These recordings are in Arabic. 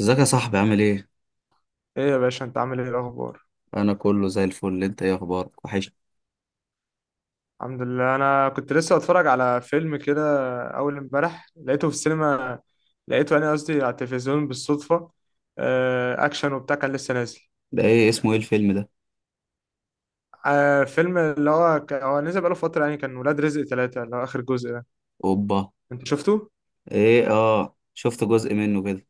ازيك يا صاحبي عامل ايه؟ ايه يا باشا انت عامل ايه الاخبار؟ انا كله زي الفل. انت ايه اخبارك؟ وحش. الحمد لله، انا كنت لسه بتفرج على فيلم كده. اول امبارح لقيته في السينما، لقيته انا قصدي على التلفزيون بالصدفه. اكشن وبتاع، كان لسه نازل. ده ايه اسمه ايه الفيلم ده؟ فيلم اللي هو هو نزل بقاله فتره يعني، كان ولاد رزق ثلاثة اللي هو اخر جزء ده. اوبا. انت شفته؟ ايه، اه، شفت جزء منه كده،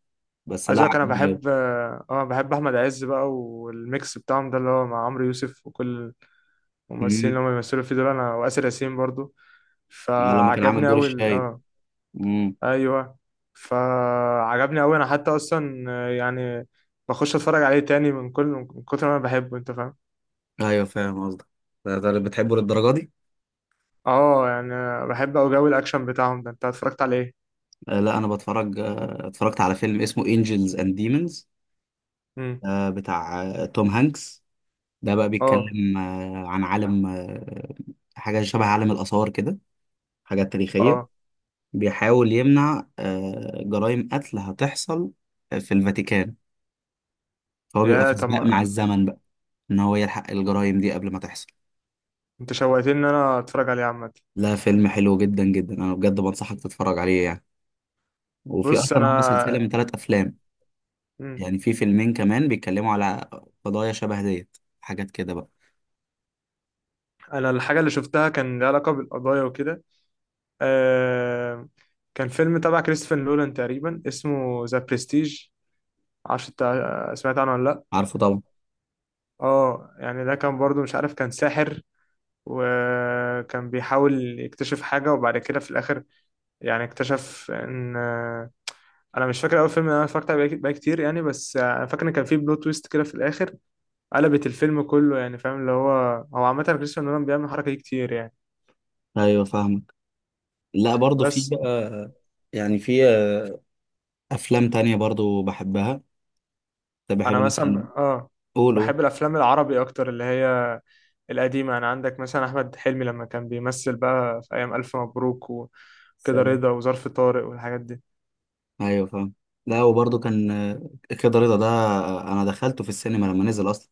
بس عايز لا اقولك انا عجبني اوي. بحب بحب احمد عز بقى والميكس بتاعهم ده اللي هو مع عمرو يوسف وكل الممثلين امم. اللي هم بيمثلوا فيه دول، انا واسر ياسين برضو. لما كان عامل فعجبني دور قوي الشايب. اه. امم. ايوه، فعجبني قوي انا حتى اصلا، يعني بخش اتفرج عليه تاني من كل من كتر ما انا بحبه، انت فاهم. ايوه، فاهم قصدك. ده اللي بتحبه للدرجه دي؟ اه يعني، بحب اوي جو الاكشن بتاعهم ده. انت اتفرجت عليه ايه؟ لا، انا بتفرج آه اتفرجت على فيلم اسمه انجلز اند ديمونز، امم، بتاع توم هانكس. ده بقى اه بيتكلم عن عالم حاجه شبه عالم الاثار كده، حاجات تاريخيه. اه. بيحاول يمنع جرائم قتل هتحصل في الفاتيكان، فهو بيبقى يا في طب سباق مع ما- الزمن بقى ان هو يلحق الجرائم دي قبل ما تحصل. انت شوقتني ان انا اتفرج عليه عامه. لا، فيلم حلو جدا جدا، انا بجد بنصحك تتفرج عليه يعني. وفي بص اصلا هم سلسلة انا، من 3 افلام، مم. يعني في فيلمين كمان بيتكلموا على قضايا شبه ديت، حاجات كده بقى. انا الحاجه اللي شفتها كان لها علاقه بالقضايا وكده. آه... كان فيلم تبع كريستوفر نولان تقريبا، اسمه ذا برستيج. معرفش انت سمعت عنه ولا لا. عارفه طبعا. اه يعني ده كان برضو مش عارف، كان ساحر وكان بيحاول يكتشف حاجة، وبعد كده في الآخر يعني اكتشف إن أنا مش فاكر أول فيلم أنا اتفرجت عليه بقى كتير يعني، بس أنا فاكر إن كان فيه بلوت تويست كده في الآخر قلبت الفيلم كله يعني، فاهم. اللي هو هو عامة كريستوفر نولان بيعمل الحركة دي كتير يعني. ايوه، فاهمك. لا برضه في بس بقى. يعني في افلام تانية برضه بحبها. طب بحب أنا مثلا مثلا. قول قول. بحب الأفلام العربي أكتر، اللي هي القديمة. أنا عندك مثلا أحمد حلمي لما كان بيمثل بقى في أيام ألف مبروك وكده، سلام. رضا وظرف طارق والحاجات دي. ايوه، فاهم. لا، وبرضه كان كده رضا ده، انا دخلته في السينما لما نزل اصلا.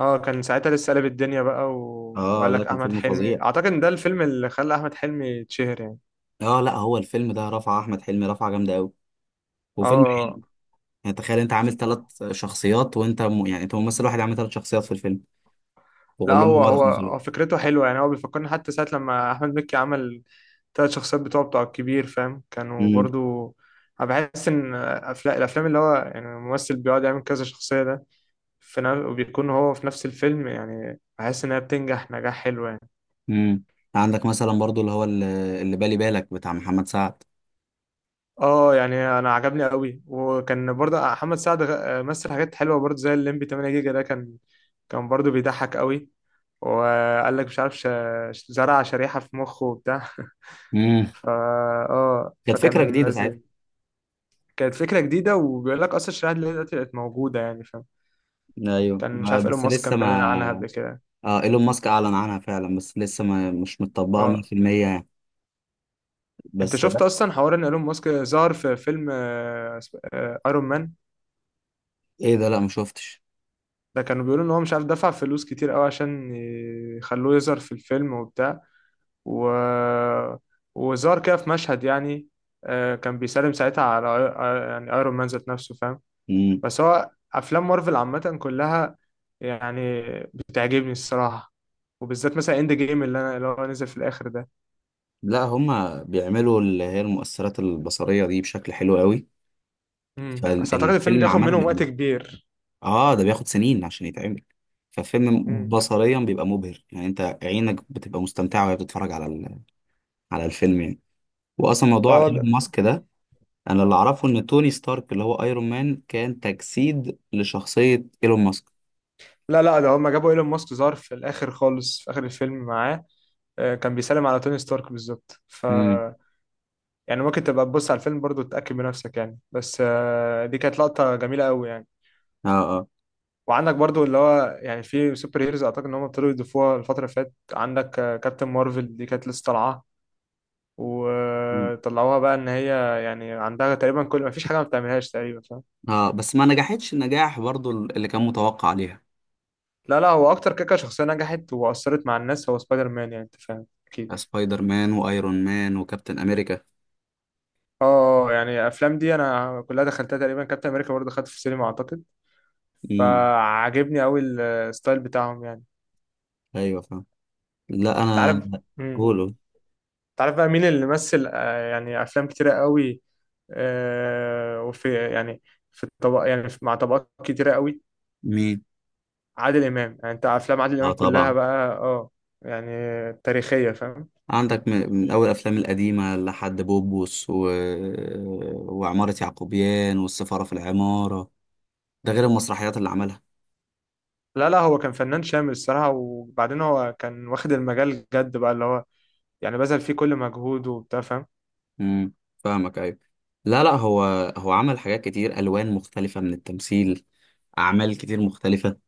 اه، كان ساعتها لسه قلب الدنيا بقى اه وقال لا، لك كان احمد فيلم حلمي، فظيع. اعتقد ان ده الفيلم اللي خلى احمد حلمي يتشهر يعني. اه لا، هو الفيلم ده رفع احمد حلمي رفعه جامده قوي، وفيلم اه حلو. يعني تخيل انت ف... عامل 3 شخصيات، يعني انت ممثل واحد عامل 3 شخصيات في الفيلم، لا، وكلهم هو هو ده هو في نفس هو الوقت. فكرته حلوه يعني. هو بيفكرني حتى ساعه لما احمد مكي عمل ثلاث شخصيات بتوع الكبير، فاهم، كانوا امم. برضو. انا بحس ان الافلام اللي هو يعني الممثل بيقعد يعمل كذا شخصيه ده في وبيكون هو في نفس الفيلم، يعني بحس انها بتنجح نجاح حلو يعني. امم. عندك مثلا برضه اللي هو اللي بالي بالك بتاع محمد سعد. اه يعني انا عجبني قوي، وكان برضه محمد سعد مثل حاجات حلوه برضه زي الليمبي 8 جيجا ده. كان برضه بيضحك قوي. وقال لك مش عارف زرع شريحه في مخه وبتاع امم. فا، اه كانت فكره فكان جديده لذيذ. ساعتها. كانت فكره جديده وبيقول لك اصلا الشريحه اللي دلوقتي بقت موجوده يعني، فاهم. ايوه، كان مش عارف ايلون بس ماسك لسه كان بيعلن عنها ما. قبل كده. اه، ايلون ماسك اعلن عنها فعلا بس لسه ما، مش متطبقه اه، 100% يعني. انت بس. شفت اصلا حوار ان ايلون ماسك ظهر في فيلم ايرون مان؟ ايه ده؟ لا، ما شفتش. ده كانوا بيقولوا ان هو مش عارف دفع فلوس كتير قوي عشان يخلوه يظهر في الفيلم وبتاع، و... وظهر كده في مشهد يعني. كان بيسلم ساعتها على يعني ايرون مان ذات نفسه، فاهم. مم. بس هو افلام مارفل عامه كلها يعني بتعجبني الصراحه، وبالذات مثلا اند جيم اللي انا اللي هو نزل في الاخر ده. لا، هما بيعملوا اللي هي المؤثرات البصرية دي بشكل حلو قوي. امم، بس اعتقد الفيلم فالفيلم بياخد عامة منهم وقت بيبقى، كبير. اه ده بياخد سنين عشان يتعمل. فالفيلم امم، بصريا بيبقى مبهر، يعني انت عينك بتبقى مستمتعة وهي بتتفرج على على الفيلم يعني. واصلا موضوع اه ايلون ماسك ده، انا اللي اعرفه ان توني ستارك اللي هو ايرون مان كان تجسيد لشخصية ايلون ماسك. لا لا، ده هما جابوا ايلون ماسك ظهر في الاخر خالص، في اخر الفيلم معاه. كان بيسلم على توني ستارك بالظبط ف، امم. يعني ممكن تبقى تبص على الفيلم برضو تتأكد بنفسك يعني، بس دي كانت لقطة جميلة قوي يعني. اه اه. وعندك برضو اللي هو يعني في سوبر هيروز اعتقد ان هم ابتدوا يضيفوها الفترة اللي فاتت. عندك كابتن مارفل دي، كانت لسه طالعة مم. وطلعوها بقى ان هي يعني عندها تقريبا كل، ما فيش حاجة ما بتعملهاش تقريبا، فاهم. اه، بس ما نجحتش النجاح برضو اللي كان متوقع عليها. لا لا، هو اكتر كيكة شخصية نجحت واثرت مع الناس هو سبايدر مان يعني، انت فاهم اكيد. سبايدر مان وايرون مان وكابتن امريكا. اه، يعني الافلام دي انا كلها دخلتها تقريبا. كابتن امريكا برضو دخلت في السينما اعتقد، امم. فعجبني قوي الستايل بتاعهم يعني. ايوه، فاهم. لا انت انا. عارف، هولو. تعرف بقى مين اللي مثل يعني افلام كتيره قوي، آه، وفي يعني في الطبق يعني مع طبقات كتيره قوي؟ مين؟ عادل امام. يعني انت افلام عادل اه امام كلها طبعا. بقى اه، يعني تاريخيه فاهم. عندك من اول الافلام القديمه لحد بوبوس وعماره يعقوبيان والسفاره في العماره، ده غير المسرحيات اللي عملها. لا لا، هو كان فنان شامل الصراحه، وبعدين هو كان واخد المجال جد بقى اللي هو يعني بذل فيه كل مجهوده وبتاع، فاهم. امم. فاهمك، ايوه. لا لا هو، عمل حاجات كتير، الوان مختلفه من التمثيل، اعمال كتير مختلفه.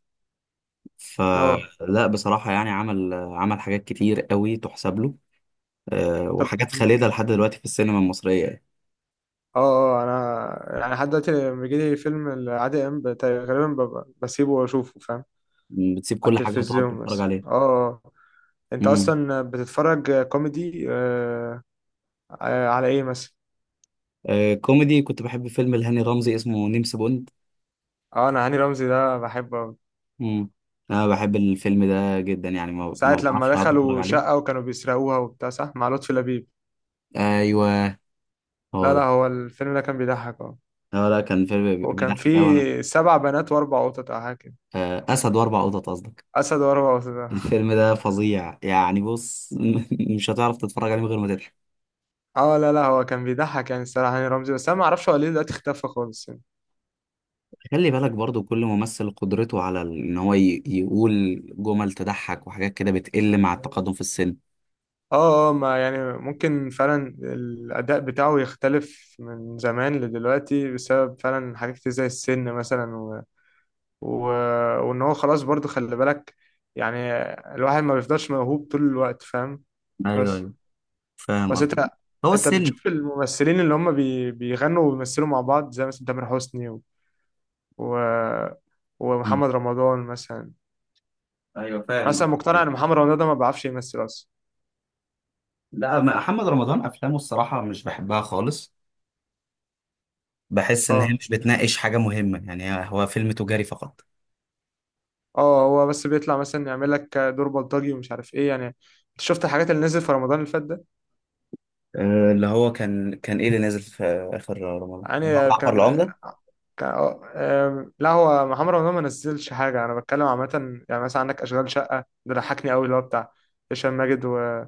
اه فلا بصراحه، يعني عمل حاجات كتير قوي تحسب له، طب وحاجات م. خالدة لحد دلوقتي في السينما المصرية يعني. اه اه، انا يعني لحد دلوقتي لما بيجيلي فيلم لعادل امام غالبا بسيبه واشوفه، فاهم، بتسيب على كل حاجة وتقعد التلفزيون تتفرج بس عليها. اه آه. انت مم. اصلا بتتفرج كوميدي على ايه مثلا؟ كوميدي كنت بحب فيلم لهاني رمزي اسمه نمس بوند. اه انا هاني رمزي ده بحبه أوي. مم. أنا بحب الفيلم ده جدا، يعني ساعة ما لما بعرفش أقعد أتفرج دخلوا عليه. شقة وكانوا بيسرقوها وبتاع، صح، مع لطفي لبيب. أيوه. لا هو لا، ده. هو الفيلم ده كان بيضحك اه. لا لا، كان فيلم وكان بيضحك أوي أنا. فيه سبع بنات واربع قطط او حاجة كده. أسد و4 قطط قصدك. اسد واربع قطط. الفيلم ده فظيع يعني. بص مش هتعرف تتفرج عليه من غير ما تضحك. اه لا لا، هو كان بيضحك يعني الصراحة هاني رمزي. بس انا ما اعرفش هو ليه دلوقتي اختفى خالص يعني. خلي بالك برضو كل ممثل قدرته على ان هو يقول جمل تضحك وحاجات كده بتقل مع التقدم في السن. اه اه، ما يعني ممكن فعلا الاداء بتاعه يختلف من زمان لدلوقتي بسبب فعلا حاجات كتير زي السن مثلا، و... وان هو خلاص. برضو خلي بالك يعني الواحد ما بيفضلش موهوب طول الوقت، فاهم. ايوه بس ايوه، فاهم بس قصدك. انت، هو انت السن. بتشوف الممثلين اللي هم بيغنوا وبيمثلوا مع بعض زي مثلا تامر حسني و... مم. ومحمد رمضان مثلا. ايوه، انا فاهم اصلا مقتنع قصدك. ان محمد رمضان ده ما بيعرفش يمثل اصلا. لا، محمد رمضان افلامه الصراحه مش بحبها خالص، بحس ان هي اه مش بتناقش حاجه مهمه، يعني هو فيلم تجاري فقط. اه، هو بس بيطلع مثلا يعمل لك دور بلطجي ومش عارف ايه. يعني انت شفت الحاجات اللي نزلت في رمضان اللي فات ده؟ اللي هو كان ايه اللي نازل في اخر رمضان اللي هو يعني جعفر كان العمده. كان آه، آم، لا، هو محمد رمضان ما نزلش حاجة، أنا بتكلم عامة. يعني مثلا عندك أشغال شقة ده ضحكني أوي، اللي هو بتاع هشام ماجد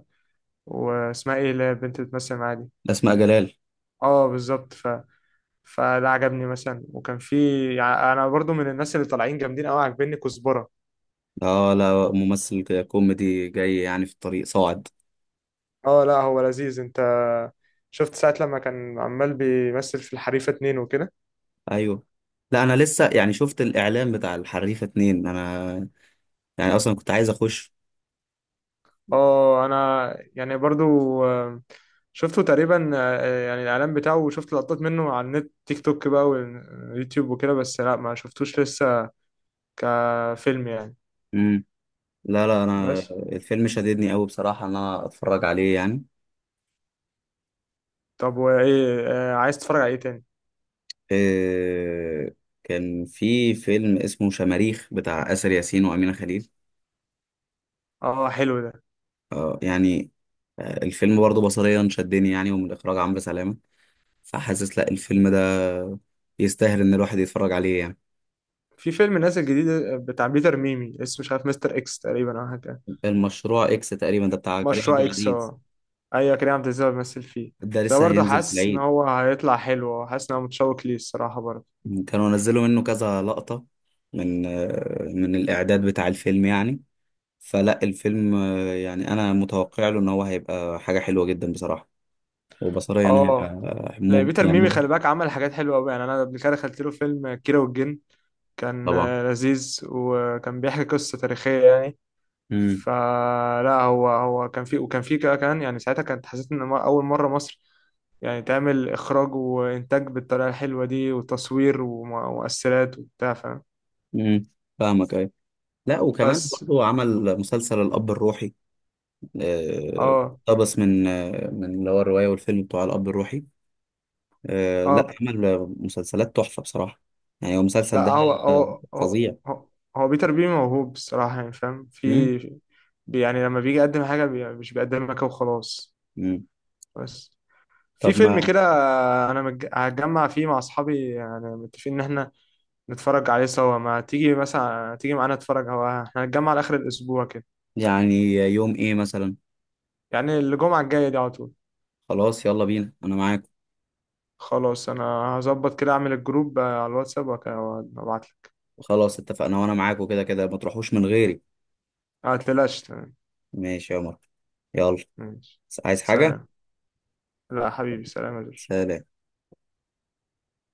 واسمها إيه اللي هي البنت اللي بتمثل معاه دي؟ اسماء جلال. أه بالظبط، فده عجبني مثلا. وكان في يعني، أنا برضو من الناس اللي طالعين جامدين أوي عاجبني كزبرة. اه لا، ممثل كوميدي جاي يعني في الطريق صاعد. أه لا، هو لذيذ. أنت شفت ساعة لما كان عمال بيمثل في الحريفة اتنين وكده؟ ايوه لا، انا لسه يعني شفت الاعلان بتاع الحريفه اتنين، انا يعني اصلا كنت عايز اخش. اه انا يعني برضو، آه، شفته تقريبا، يعني الاعلان بتاعه، وشفت لقطات منه على النت، تيك توك بقى، واليوتيوب وكده. بس لا ما شفتوش لسه كفيلم يعني. لا لا، انا بس الفيلم شددني قوي بصراحه ان انا اتفرج عليه يعني. طب وايه عايز تتفرج على ايه تاني؟ إيه؟ كان في فيلم اسمه شماريخ بتاع آسر ياسين وأمينة خليل، اه حلو ده. يعني، الفيلم برضه بصريا شدني يعني، ومن اخراج عمرو سلامه. فحاسس لا، الفيلم ده يستاهل ان الواحد يتفرج عليه يعني. في فيلم نازل جديد بتاع بيتر ميمي، اسمه مش عارف مستر اكس تقريبا او حاجه كده. المشروع اكس تقريبا ده بتاع كريم عبد مشروع اكس، العزيز. اه ايوه، كريم عبد العزيز هو بيمثل فيه. ده ده لسه برضه هينزل في حاسس ان العيد. هو هيطلع حلو، حاسس ان انا متشوق ليه الصراحه برضه. كانوا نزلوا منه كذا لقطه من من الاعداد بتاع الفيلم يعني. فلا الفيلم، يعني انا متوقع له ان هو هيبقى حاجه حلوه جدا بصراحه. وبصريا انا هيبقى اه لا، بيتر يعني ميمي خلي بالك عمل حاجات حلوه قوي يعني. انا قبل كده دخلت له فيلم كيرة والجن، كان طبعا. لذيذ وكان بيحكي قصه تاريخيه يعني. امم. فلا، هو كان في، وكان في كده كمان. يعني ساعتها كانت حسيت ان اول مره مصر يعني تعمل اخراج وانتاج بالطريقه الحلوه دي، وتصوير ومؤثرات وبتاع، فاهم. امم. فاهمك، ايوه. لا وكمان بس برضه عمل مسلسل الاب الروحي، آه، اه اقتبس من اللي هو الروايه والفيلم بتوع الاب الروحي. لا اه، عمل مسلسلات تحفه بصراحه، يعني هو المسلسل لا ده آه، فظيع. هو هو بيتر بيه موهوب الصراحة يعني، فاهم. امم. في يعني لما بيجي يقدم حاجة بي مش بيقدمها كده وخلاص. امم. بس في طب فيلم ما. كده أنا هتجمع فيه مع أصحابي، يعني متفقين إن إحنا نتفرج عليه سوا. ما تيجي مثلا، تيجي معانا نتفرج؟ هو إحنا هنتجمع لآخر الأسبوع كده، يعني يوم ايه مثلا؟ يعني الجمعة الجاية دي على طول. خلاص، يلا بينا، انا معاك. خلاص أنا هظبط كده، أعمل الجروب على الواتساب وأبعتلك. خلاص اتفقنا، وانا معاك، وكده كده ما تروحوش من غيري. ما تقلقش، تمام، ماشي يا عمر. يلا. ماشي، عايز حاجة؟ سلام. لا حبيبي، سلام يا جورج. سلام.